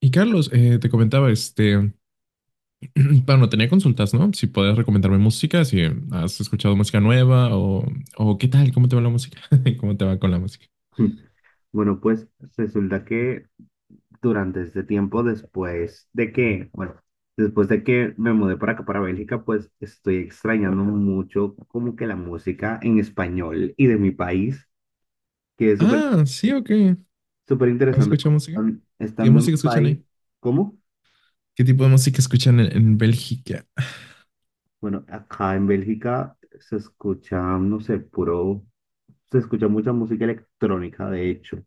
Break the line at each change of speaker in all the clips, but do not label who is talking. Y Carlos, te comentaba, bueno, tenía consultas, ¿no? Si puedes recomendarme música, si has escuchado música nueva o qué tal, cómo te va la música, cómo te va con la música.
Bueno, pues resulta que durante este tiempo, después de que, bueno, después de que me mudé para acá, para Bélgica, pues estoy extrañando mucho como que la música en español y de mi país, que es súper,
Ah, sí, ok.
súper
¿Has
interesante.
escuchado música? ¿Qué
Estando en
música
mi
escuchan
país,
ahí?
¿cómo?
¿Qué tipo de música escuchan en Bélgica?
Bueno, acá en Bélgica se escucha, no sé, puro, se escucha mucha música electrónica, de hecho.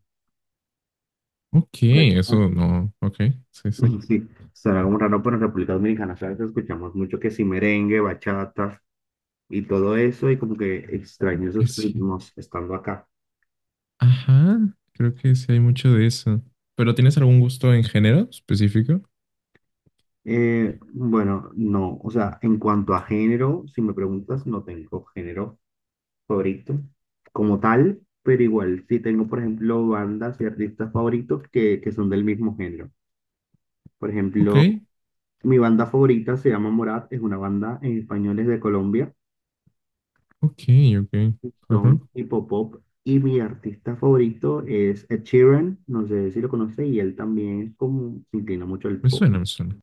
Ok,
Pues,
eso no. Ok, sí, sí.
sí, será como raro, pero en República Dominicana, ¿sabes? Escuchamos mucho que si merengue, bachata y todo eso, y como que extraño esos
Es que-
ritmos estando acá.
Ajá, creo que sí hay mucho de eso. ¿Pero tienes algún gusto en género específico?
Bueno, no, o sea, en cuanto a género, si me preguntas, no tengo género favorito como tal, pero igual sí tengo, por ejemplo, bandas y artistas favoritos que son del mismo género. Por
Ok,
ejemplo, mi banda favorita se llama Morat, es una banda en español, es de Colombia.
ok, ok. Ajá,
Son hip hop y mi artista favorito es Ed Sheeran, no sé si lo conoce, y él también es como se inclina mucho al
me
pop.
suena, me suena.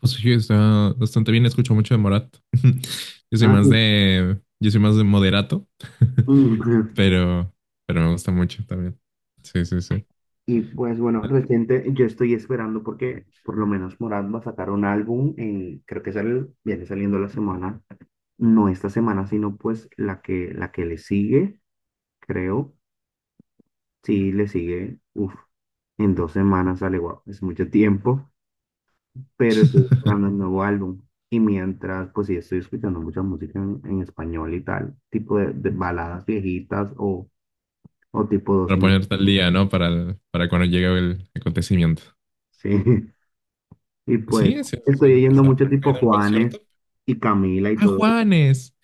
Pues sí, está bastante bien. Escucho mucho de Morat.
Ah, sí.
Yo soy más de moderato.
Mm,
Pero, pero me gusta mucho también. Sí, sí, sí.
y pues bueno, reciente yo estoy esperando porque por lo menos Morat va a sacar un álbum, creo que sale, viene saliendo la semana, no esta semana, sino pues la que le sigue, creo, sí le sigue, uff, en dos semanas sale, wow, es mucho tiempo. Pero estoy esperando el nuevo álbum. Y mientras, pues sí, estoy escuchando mucha música en español y tal, tipo de baladas viejitas o tipo dos
Para
mil.
ponerte al día, ¿no? Para cuando llegue el acontecimiento.
Sí, y pues
Sí, sí, eso
estoy
suele
oyendo
pasar.
mucho
¿Nunca he
tipo
ido a un
Juanes
concierto?
y Camila y
¡Ah,
todo.
Juanes!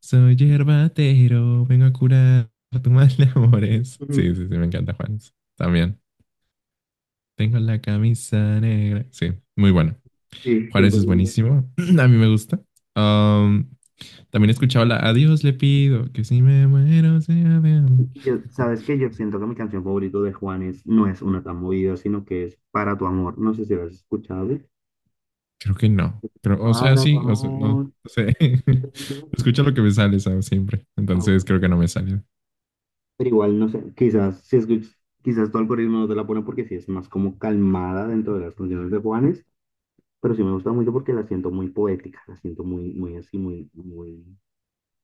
Soy yerbatero, vengo a curar tu mal de amores. Sí,
Ujú.
sí, sí, me encanta Juanes. También. Tengo la camisa negra. Sí, muy bueno.
Sí,
Juanes
siempre.
es
Siempre.
buenísimo. A mí me gusta. Um, también he escuchado la Adiós le pido, que si me muero sea de amor.
Y yo, sabes que yo siento que mi canción favorita de Juanes no es una tan movida, sino que es Para tu amor. No sé si lo has escuchado.
Creo que no. Pero, o sea,
Para tu
sí, o sea, no.
amor.
No sé. Escucho lo que me sale, ¿sabes? Siempre.
Ah,
Entonces
bueno.
creo que no me sale.
Pero igual, no sé, quizás, si escuch- quizás tu algoritmo no te la pone porque sí es más como calmada dentro de las canciones de Juanes, pero sí me gusta mucho porque la siento muy poética, la siento muy, muy así, muy, muy,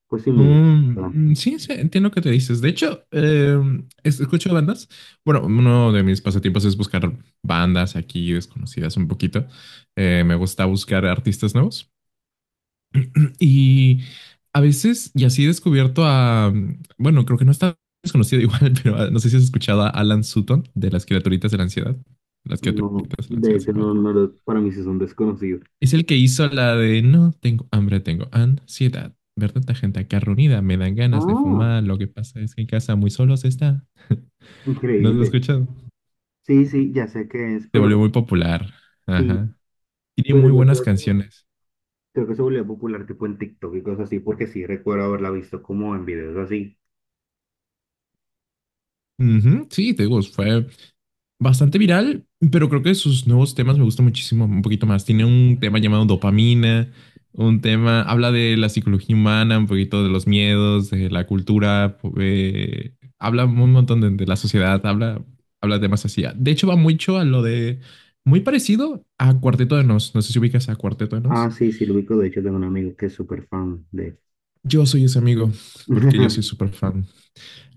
pues sí, muy...
Mm,
¿verdad?
mm, sí, sí, entiendo que te dices. De hecho, escucho bandas. Bueno, uno de mis pasatiempos es buscar bandas aquí desconocidas un poquito. Me gusta buscar artistas nuevos. Y así he descubierto bueno, creo que no está desconocido igual, pero ah, no sé si has escuchado a Alan Sutton de Las Criaturitas de la Ansiedad. Las
No,
Criaturitas de la
de
Ansiedad
hecho,
se llama.
no, no, para mí sí son desconocidos.
Es el que hizo la de no tengo hambre, tengo ansiedad. Ver tanta gente acá reunida, me dan ganas de
Ah,
fumar. Lo que pasa es que en casa muy solos está. ¿No lo has
increíble.
escuchado?
Sí, sí, ya sé qué es,
Se volvió
pero
muy popular.
sí,
Ajá. Tiene muy
pero yo
buenas
creo,
canciones.
creo que se volvió popular tipo en TikTok y cosas así, porque sí recuerdo haberla visto como en videos así.
Ujú, sí, te digo, fue bastante viral, pero creo que sus nuevos temas me gustan muchísimo, un poquito más. Tiene un tema llamado dopamina, un tema, habla de la psicología humana, un poquito de los miedos, de la cultura, habla un montón de la sociedad, habla, habla de temas así. De hecho, va mucho a lo de, muy parecido a Cuarteto de Nos. No sé si ubicas a Cuarteto de
Ah,
Nos.
sí, sí, lo ubico, de hecho tengo un amigo que es súper fan de...
Yo soy ese amigo, porque yo soy súper fan.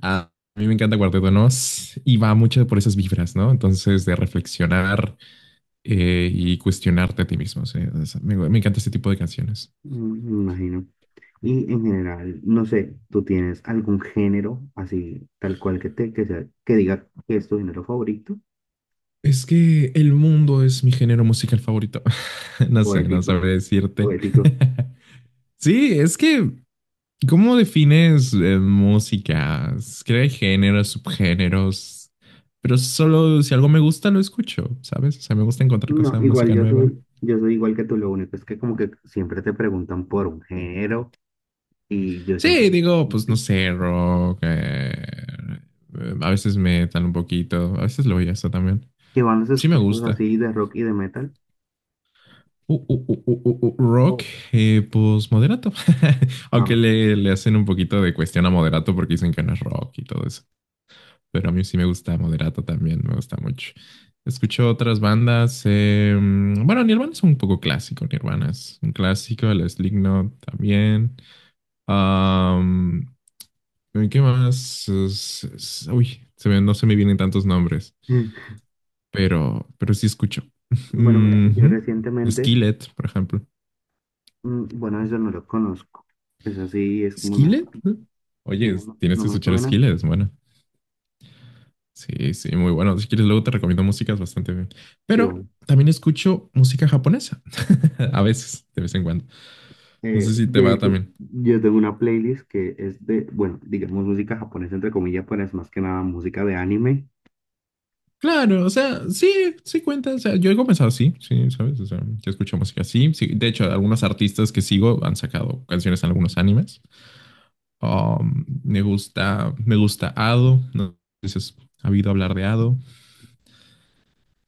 Ah, a mí me encanta Cuarteto de Nos y va mucho por esas vibras, ¿no? Entonces, de reflexionar y cuestionarte a ti mismo. O sea, me encanta este tipo de canciones.
Mm, me imagino. Y en general, no sé, ¿tú tienes algún género así, tal cual que te, que sea, que diga que es tu género favorito?
Es que el mundo es mi género musical favorito. No sé, no
Poético,
sabré decirte.
poético.
Sí, es que, ¿cómo defines música? Creo que hay géneros, subgéneros, pero solo si algo me gusta lo escucho, ¿sabes? O sea, me gusta encontrar
No,
cosas,
igual
música nueva.
yo soy igual que tú, lo único es que como que siempre te preguntan por un género y yo siempre
Sí, digo, pues no sé, rock. A veces metal un poquito, a veces lo oigo eso también.
que van los
Sí me
escuchas
gusta.
así de rock y de metal.
Rock,
O
pues moderato. Aunque
ah,
le hacen un poquito de cuestión a moderato porque dicen que no es rock y todo eso. Pero a mí sí me gusta moderato también, me gusta mucho. Escucho otras bandas. Bueno, Nirvana es un poco clásico, Nirvana es un clásico, el Slipknot también. Am, ¿Qué más? Uy, no se me vienen tantos nombres, pero sí escucho.
bueno, mira, yo
Ujú.
recientemente,
Skillet, por ejemplo.
mm, bueno, eso no lo conozco. Es así, es como una,
Skillet, ¿no? Oye,
no, no
tienes
no
que
me
escuchar
suena.
Skillet, es bueno. Sí, sí, muy bueno. Si quieres, luego te recomiendo músicas bastante bien.
Sí,
Pero
bueno.
también escucho música japonesa. A veces, de vez en cuando. No sé si te
De
va
hecho,
también.
yo tengo una playlist que es de, bueno, digamos música japonesa, entre comillas, pero es más que nada música de anime.
Claro, o sea, sí, sí cuenta. O sea, yo he comenzado así, sí, ¿sabes? O sea, yo escucho música así. Sí, de hecho, algunos artistas que sigo han sacado canciones en algunos animes. Me gusta Ado. No sé si has habido hablar de Ado.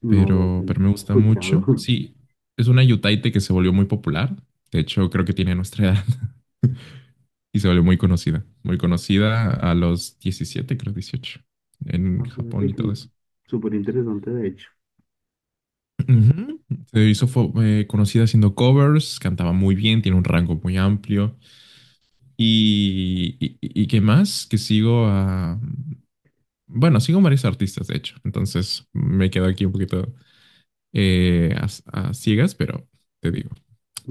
No lo que
pero,
no
pero me
he
gusta
escuchado.
mucho. Sí, es una yutaite que se volvió muy popular. De hecho, creo que tiene nuestra edad y se volvió muy conocida. Muy conocida a los 17 creo 18 en
Ah, fíjate
Japón y todo
que
eso.
súper interesante, de hecho.
Ujú. Se hizo conocida haciendo covers, cantaba muy bien, tiene un rango muy amplio. Y qué más, que sigo a... Bueno, sigo a varios artistas, de hecho. Entonces me quedo aquí un poquito a ciegas, pero te digo.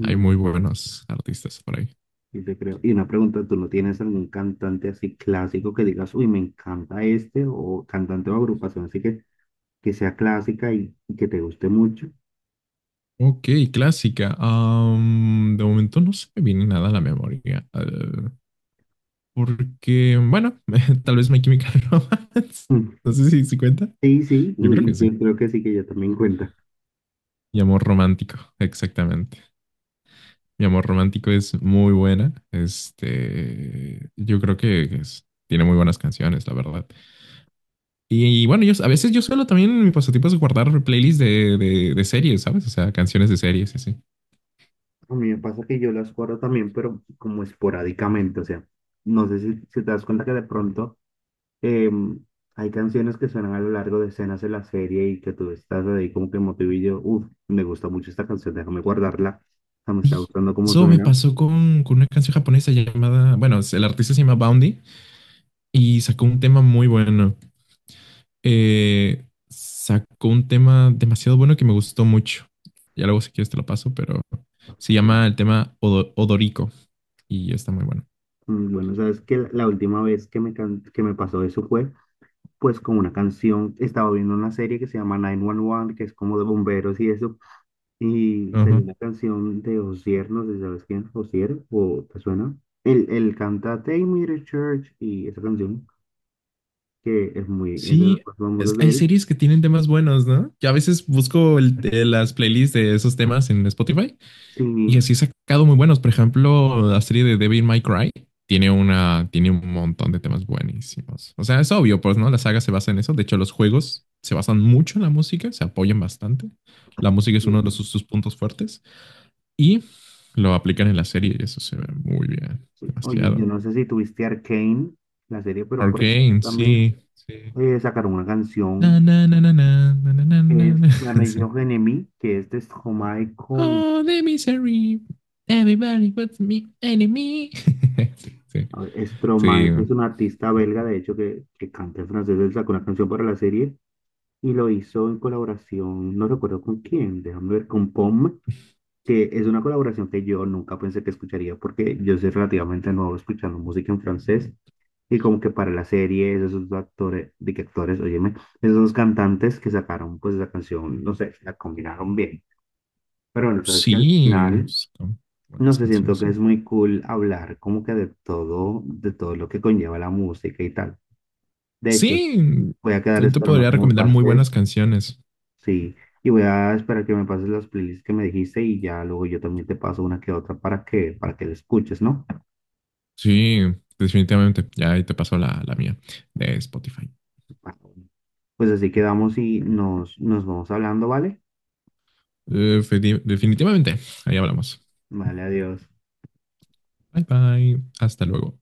Hay muy buenos artistas por ahí.
y te creo. Y una pregunta, ¿tú no tienes algún cantante así clásico que digas, uy, me encanta este, o cantante o agrupación así que sea clásica y que te guste mucho?
Ok, clásica. De momento no se me viene nada a la memoria. eh, porque, bueno, tal vez My Chemical Romance.
Mm.
No sé si se cuenta.
Sí, sí,
Yo creo que
y
sí.
yo creo que sí, que yo también cuenta.
Mi amor romántico, exactamente. Mi amor romántico es muy buena. Este, yo creo que tiene muy buenas canciones, la verdad. Y, bueno, yo a veces yo suelo también en mi pasatiempo es guardar playlists de series, ¿sabes? O sea, canciones de series y así.
A mí me pasa que yo las guardo también, pero como esporádicamente, o sea, no sé si, si te das cuenta que de pronto em, hay canciones que suenan a lo largo de escenas de la serie y que tú estás ahí como que motivillo, uff, me gusta mucho esta canción, déjame guardarla, o sea, me está
Sí,
gustando cómo
me
suena.
pasó con una canción japonesa llamada, bueno, el artista se llama Boundy y sacó un tema muy bueno. Sacó un tema demasiado bueno que me gustó mucho. Ya luego si quieres te lo paso, pero se llama el tema Odorico y está muy bueno.
Mm, bueno, sabes que la última vez que me, que me pasó eso fue pues con una canción, estaba viendo una serie que se llama 911, que es como de bomberos y eso, y salió
Ajá.
una canción de Osier, no sé si sabes quién, Osier, o te suena. Él canta Take Me to Church y esa canción, que es muy, es de las
Sí,
más famosas de
hay
él.
series que tienen temas buenos, ¿no? Yo a veces busco las playlists de esos temas en Spotify.
Sí,
Y así he sacado muy buenos. Por ejemplo, la serie de Devil May Cry tiene un montón de temas buenísimos. O sea, es obvio, pues, ¿no? La saga se basa en eso. De hecho, los juegos se basan mucho en la música, se apoyan bastante. La música es uno
sí,
de sus puntos fuertes y lo aplican en la serie y eso se ve muy bien,
sí. Oye,
demasiado.
yo no sé si tuviste Arcane, la serie, pero por ejemplo
Arcane,
también
sí, sí.
sacaron una
Na,
canción,
na, na, na, na, na, na, na,
es
na.
Rage
Sí.
of Enemy, que es de Stromae con.
Oh, the misery. Everybody was me enemy. Sí, sí,
A ver, Stromae
sí.
que es un artista belga, de hecho, que canta en francés, él sacó una canción para la serie y lo hizo en colaboración, no recuerdo con quién, déjame ver, con POM, que es una colaboración que yo nunca pensé que escucharía porque yo soy relativamente nuevo escuchando música en francés y como que para la serie esos dos actores, de que actores, óyeme, esos dos cantantes que sacaron pues la canción, no sé, la combinaron bien, pero bueno, sabes que al
Sí,
final...
son
No
buenas
sé, siento
canciones,
que
sí.
es muy cool hablar como que de todo lo que conlleva la música y tal. De hecho,
Sí,
voy a quedar
yo te
esperando
podría
que me
recomendar muy buenas
pases.
canciones.
Sí, y voy a esperar que me pases las playlists que me dijiste y ya luego yo también te paso una que otra para que la escuches, ¿no?
Sí, definitivamente. Ya ahí te paso la mía de Spotify.
Pues así quedamos y nos vamos hablando, ¿vale?
Eh, fe- definitivamente. Ahí hablamos.
Vale, adiós.
Bye bye. Hasta luego.